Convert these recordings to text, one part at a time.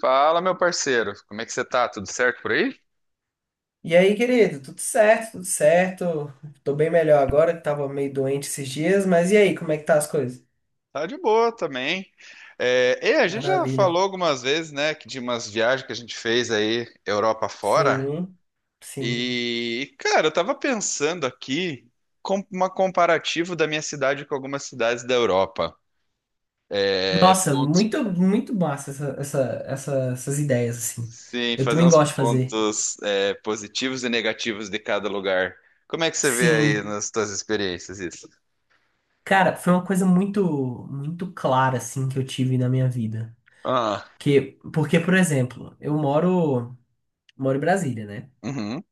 Fala, meu parceiro, como é que você tá? Tudo certo por aí? E aí, querido, tudo certo, tudo certo. Tô bem melhor agora, que tava meio doente esses dias, mas e aí, como é que tá as coisas? Tá de boa também. É, e a gente já Maravilha. falou algumas vezes, né, que de umas viagens que a gente fez aí, Europa fora. Sim, sim. E, cara, eu tava pensando aqui com uma comparativo da minha cidade com algumas cidades da Europa. É, Nossa, muito, muito massa essas ideias, assim. sim, Eu fazer também uns gosto de fazer. pontos, é, positivos e negativos de cada lugar. Como é que você vê aí Sim. nas suas experiências isso? Cara, foi uma coisa muito, muito clara, assim, que eu tive na minha vida. Ah. Porque, por exemplo, eu moro em Brasília, né? Uhum.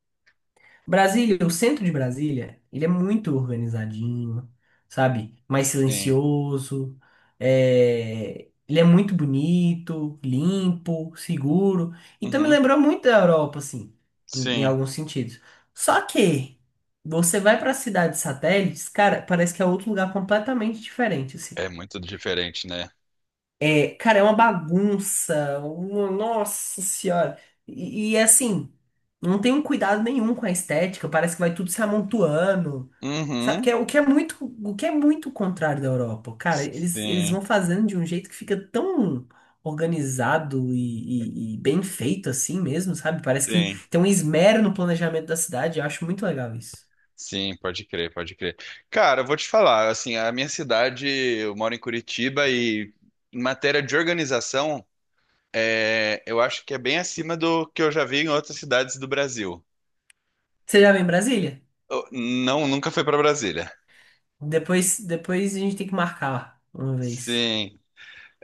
Brasília, o centro de Brasília, ele é muito organizadinho, sabe? Mais Sim. silencioso, ele é muito bonito, limpo, seguro. Então me Uhum. lembrou muito da Europa, assim, em Sim. alguns sentidos. Só que você vai para cidades satélites, cara, parece que é outro lugar completamente diferente, assim. É muito diferente, né? É, cara, é uma bagunça. Nossa senhora. E, assim, não tem um cuidado nenhum com a estética. Parece que vai tudo se amontoando. Sabe? Uhum. O que é muito contrário da Europa. Cara, eles Sim, vão fazendo de um jeito que fica tão organizado e bem feito assim mesmo, sabe? Parece que sim. tem um esmero no planejamento da cidade. Eu acho muito legal isso. Sim, pode crer, pode crer. Cara, eu vou te falar, assim, a minha cidade, eu moro em Curitiba e em matéria de organização, é, eu acho que é bem acima do que eu já vi em outras cidades do Brasil. Você já vem em Brasília? Não, nunca fui para Brasília. Depois, a gente tem que marcar uma vez. Sim,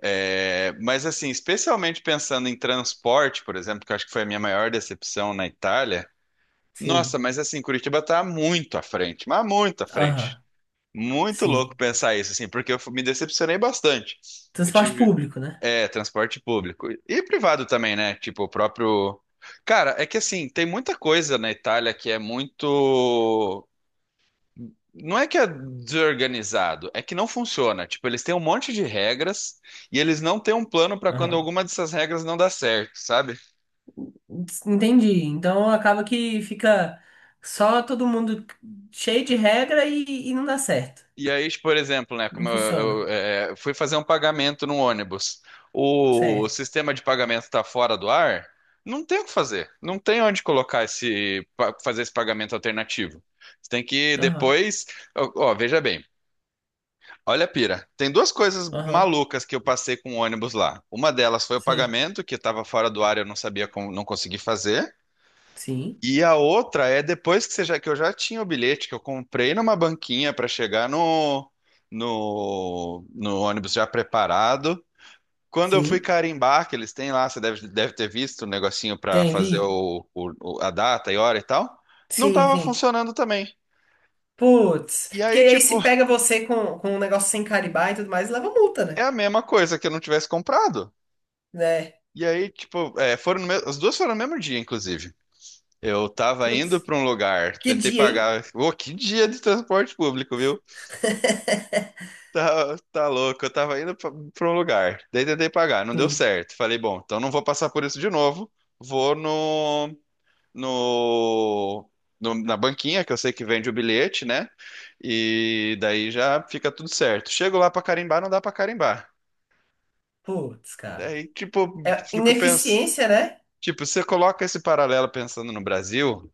é, mas assim, especialmente pensando em transporte, por exemplo, que eu acho que foi a minha maior decepção na Itália. Sim. Nossa, mas assim, Curitiba tá muito à frente, mas muito à frente. Aham. Muito louco Sim. pensar isso, assim, porque me decepcionei bastante. Eu Transporte tive, público, né? é, transporte público e privado também, né? Tipo, o próprio. Cara, é que assim, tem muita coisa na Itália que é muito. Não é que é desorganizado, é que não funciona. Tipo, eles têm um monte de regras e eles não têm um plano para quando Aham. alguma dessas regras não dá certo, sabe? Entendi. Então acaba que fica só todo mundo cheio de regra e não dá certo. E aí, tipo, por exemplo, né, como Não funciona. eu, é, fui fazer um pagamento no ônibus, o Certo. sistema de pagamento está fora do ar, não tem o que fazer, não tem onde colocar fazer esse pagamento alternativo. Você tem que Aham. depois, ó, ó, veja bem, olha a pira, tem duas coisas Aham. malucas que eu passei com o ônibus lá. Uma delas foi o Sim. pagamento que estava fora do ar, e eu não sabia como, não consegui fazer. Sim. E a outra é depois que, que eu já tinha o bilhete, que eu comprei numa banquinha para chegar no ônibus já preparado. Quando eu fui Sim. carimbar, que eles têm lá, você deve ter visto o negocinho para Tem, fazer vi? A data e hora e tal, não Sim, estava sim. funcionando também. Putz. E Porque aí, aí tipo, se pega você com um negócio sem carimbar e tudo mais, leva multa, é né? a mesma coisa que eu não tivesse comprado. Né? E aí, tipo, é, foram no me- as duas foram no mesmo dia, inclusive. Eu tava indo Putz. para um lugar, Que tentei dia, hein? pagar. Ô, que dia de transporte público, viu? Tá, tá louco, eu tava indo pra um lugar, daí tentei pagar, não deu Sim. certo. Falei, bom, então não vou passar por isso de novo, vou no, na banquinha, que eu sei que vende o bilhete, né? E daí já fica tudo certo. Chego lá pra carimbar, não dá pra carimbar. Putz, cara. Daí, tipo, É fico pensando, ineficiência, né? tipo, você coloca esse paralelo pensando no Brasil.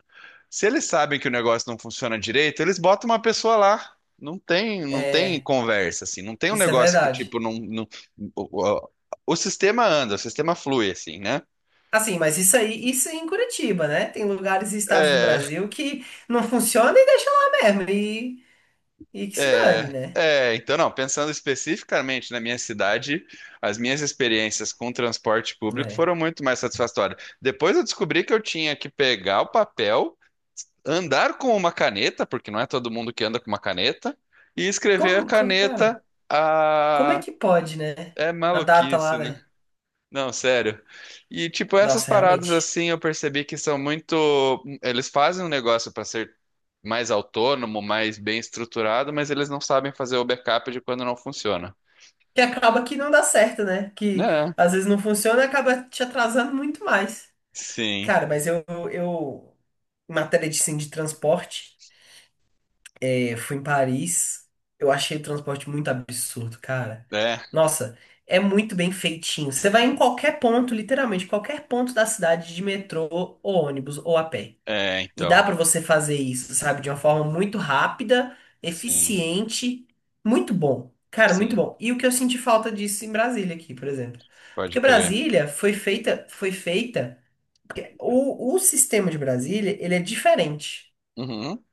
Se eles sabem que o negócio não funciona direito, eles botam uma pessoa lá. Não tem, não tem É. conversa, assim. Não tem um Isso é negócio que, verdade. tipo, o, o- o sistema anda, o sistema flui, assim, né? Assim, mas isso aí, isso é em Curitiba, né? Tem lugares e estados do É, Brasil que não funciona e deixa lá mesmo. E que se dane, é, né? é. Então, não, pensando especificamente na minha cidade, as minhas experiências com transporte público É. foram muito mais satisfatórias. Depois eu descobri que eu tinha que pegar o papel, andar com uma caneta, porque não é todo mundo que anda com uma caneta, e escrever a Cara, caneta. como é que pode, né? É A data lá, maluquice, né? né? Não, sério. E tipo, essas Nossa, paradas realmente. assim, eu percebi que são muito, eles fazem um negócio para ser mais autônomo, mais bem estruturado, mas eles não sabem fazer o backup de quando não funciona. Que acaba que não dá certo, né? Que Né? às vezes não funciona e acaba te atrasando muito mais. Sim. Cara, mas eu, em matéria de, assim, de transporte. Eu fui em Paris, eu achei o transporte muito absurdo, cara. É, Nossa, é muito bem feitinho. Você vai em qualquer ponto, literalmente, qualquer ponto da cidade de metrô, ou ônibus, ou a pé. é, E dá então. pra você fazer isso, sabe? De uma forma muito rápida, Sim. eficiente, muito bom. Cara, muito Sim, bom. E o que eu senti falta disso em Brasília aqui, por exemplo. pode Porque crer. Brasília foi feita, porque o sistema de Brasília, ele é diferente. Uhum.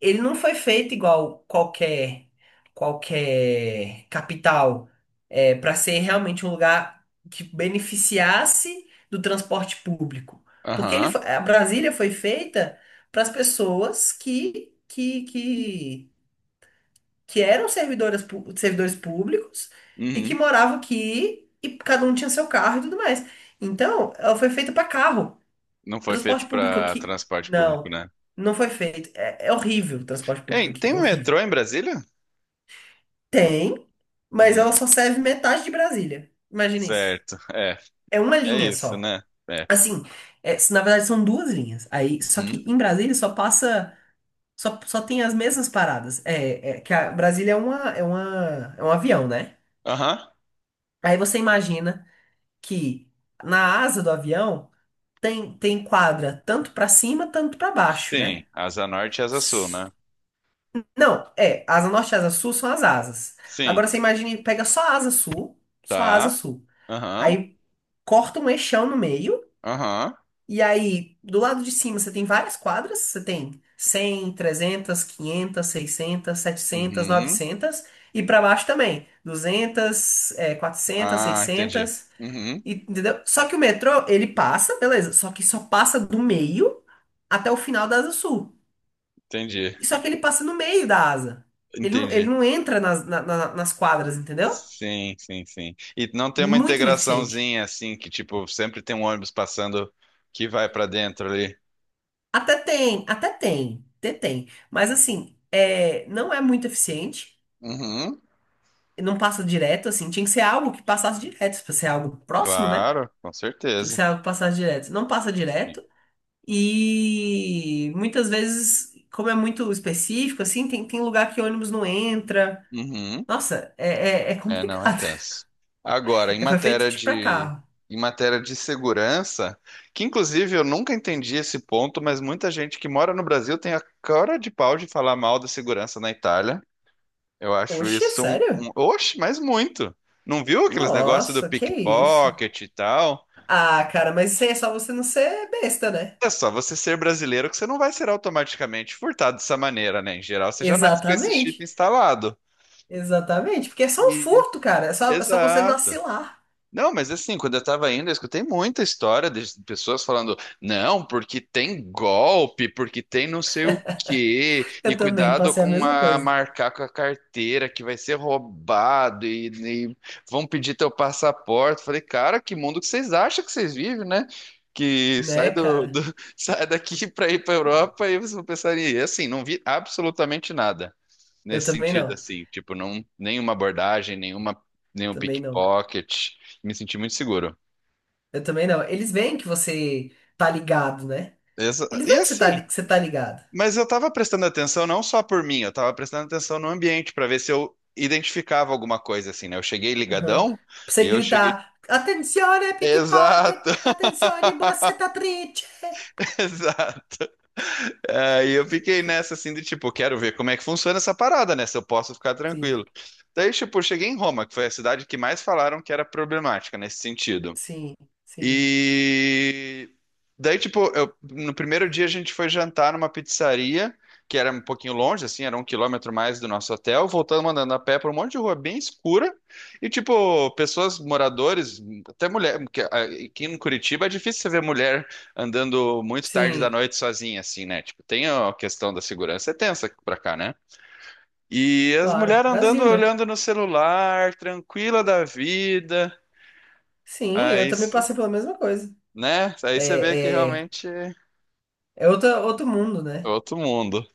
Ele não foi feito igual qualquer capital para ser realmente um lugar que beneficiasse do transporte público. Porque Aham. A Brasília foi feita para as pessoas que eram servidores públicos e que Uhum. moravam aqui e cada um tinha seu carro e tudo mais. Então, ela foi feita para carro. Não foi feito Transporte público para aqui, transporte público, não. né? Não foi feito. É. É horrível o transporte público Ei, aqui, tem horrível. metrô em Brasília? Tem, mas ela Uhum. só serve metade de Brasília. Imagina isso. Certo. É, É uma é linha isso, só. né? É. Assim, na verdade são duas linhas. Aí, só que Uhum. em Brasília só tem as mesmas paradas. É, que a Brasília é um avião, né? Aham. Aí você imagina que na asa do avião tem quadra tanto para cima, tanto para baixo, né? Sim, asa norte e asa sul, S- né? Não, asa norte e asa sul são as asas. Sim, Agora você imagina, pega só a asa sul, só a asa tá. sul. Aham, Aí corta um eixão no meio, aham, e aí do lado de cima você tem várias quadras, você tem 100, 300, 500, 600, 700, uhum. 900 e pra baixo também, 200, 400, Ah, entendi. 600, Uhum, entendeu? Só que o metrô, ele passa, beleza, só que só passa do meio até o final da Asa Sul. entendi, E só que ele passa no meio da asa. Ele não, ele entendi. não entra nas quadras, entendeu? Sim, sim, sim. E não tem uma Muito ineficiente. integraçãozinha assim, que tipo, sempre tem um ônibus passando que vai pra dentro ali. Até tem, até tem, até tem. Mas assim, não é muito eficiente, Uhum, não passa direto, assim, tinha que ser algo que passasse direto, pra ser algo próximo, né? claro, com Tinha que ser certeza. algo que passasse direto. Não passa Sim. direto, e muitas vezes, como é muito específico, assim, tem lugar que ônibus não entra. Uhum. Nossa, é É, não, é complicado. tenso. Agora, É, foi feito tipo pra carro. em matéria de segurança, que inclusive eu nunca entendi esse ponto, mas muita gente que mora no Brasil tem a cara de pau de falar mal da segurança na Itália. Eu acho Oxe, isso um, sério? um... Oxe, mas muito. Não viu aqueles negócios do Nossa, que isso. pickpocket e tal? Ah, cara, mas isso aí é só você não ser besta, né? É só você ser brasileiro que você não vai ser automaticamente furtado dessa maneira, né? Em geral, você já nasce com esse chip Exatamente. instalado. Exatamente, porque é só um E... furto, cara. É só você Exato. vacilar. Não, mas assim, quando eu tava indo, eu escutei muita história de pessoas falando, não, porque tem golpe, porque tem não sei o quê, e Eu também cuidado passei a com mesma a coisa, marcar com a carteira que vai ser roubado e vão pedir teu passaporte. Falei, cara, que mundo que vocês acham que vocês vivem, né? Que sai né, cara? Sai daqui para ir para Europa e vocês vão pensar, e assim, não vi absolutamente nada Eu nesse também sentido, não. assim, tipo, não, nenhuma abordagem, nenhuma, nenhum Também não. pickpocket. Me senti muito seguro. Eu também não. Eles veem que você tá ligado, né? Eles E veem assim, que você tá ligado. mas eu tava prestando atenção não só por mim, eu tava prestando atenção no ambiente pra ver se eu identificava alguma coisa, assim, né? Eu cheguei Uhum. Pra ligadão e você eu cheguei. gritar, attenzione Exato! pickpocket, attenzione triste. Exato. Aí eu fiquei nessa assim de tipo, quero ver como é que funciona essa parada, né? Se eu posso ficar Sim, tranquilo. Daí, tipo, eu cheguei em Roma, que foi a cidade que mais falaram que era problemática nesse sentido. sim, sim, E daí, tipo, no primeiro dia a gente foi jantar numa pizzaria, que era um pouquinho longe, assim, era 1 km mais do nosso hotel, voltando andando a pé por um monte de rua bem escura, e, tipo, pessoas, moradores, até mulher, porque ah, aqui em Curitiba é difícil você ver mulher andando muito tarde da sim, noite sozinha, assim, né? Tipo, tem a questão da segurança, é tensa pra cá, né? E as claro. mulheres andando, Brasil, né? olhando no celular, tranquila da vida. Sim, eu Aí, também passei pela mesma coisa. né? Aí você vê que É, é, realmente é é outro mundo, né? outro mundo.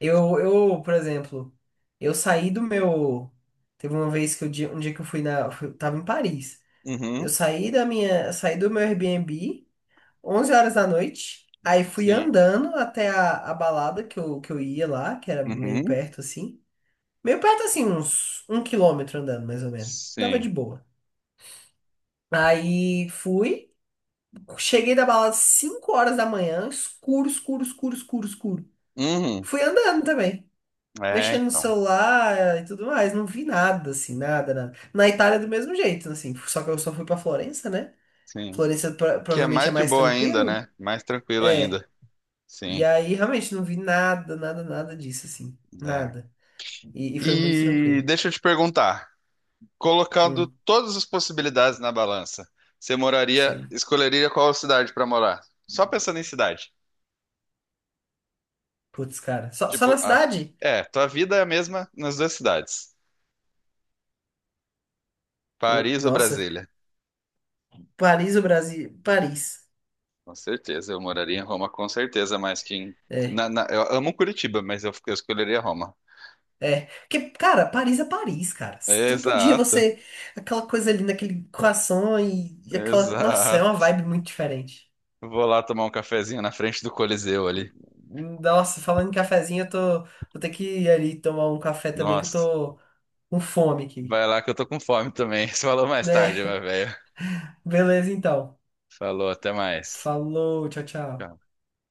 Eu, por exemplo, eu saí do meu. Teve uma vez que um dia que eu tava em Paris. Eu Uhum, saí da minha. Saí do meu Airbnb, 11 horas da noite. Aí fui sim. andando até a balada que eu ia lá, que era meio Uhum, perto assim. Meio perto assim, uns 1 quilômetro andando, mais ou menos. Dava de sim. boa. Aí fui. Cheguei da balada às 5 horas da manhã, escuro, escuro, escuro, escuro, escuro. Uhum. Fui andando também, É, mexendo no então, celular e tudo mais. Não vi nada, assim, nada, nada. Na Itália, do mesmo jeito, assim. Só que eu só fui pra Florença, né? sim. Florença Que é provavelmente é mais de mais boa ainda, tranquilo. né? Mais tranquilo É. ainda. E Sim, aí, realmente, não vi nada, nada, nada disso, assim. né? Nada. E foi muito E tranquilo. deixa eu te perguntar, colocando Hum, todas as possibilidades na balança, você moraria, sim. escolheria qual cidade para morar? Só pensando em cidade. Putz, cara. Só na Tipo, cidade? é, tua vida é a mesma nas duas cidades, Pô, Paris ou nossa. Brasília. Paris, o Brasil. Paris. Com certeza, eu moraria em Roma, com certeza, mas quem. É. Eu amo Curitiba, mas eu escolheria Roma. É, porque, cara, Paris é Paris, cara. Todo dia Exato, você. Aquela coisa ali naquele croissant e aquela. Nossa, é exato. uma vibe muito diferente. Vou lá tomar um cafezinho na frente do Coliseu ali. Nossa, falando em cafezinho, eu tô. Vou ter que ir ali tomar um café também, que eu Nossa, tô com fome aqui. vai lá que eu tô com fome também. falou mais tarde, É, meu velho. beleza então. Falou, até mais. Falou, tchau, tchau. Tchau.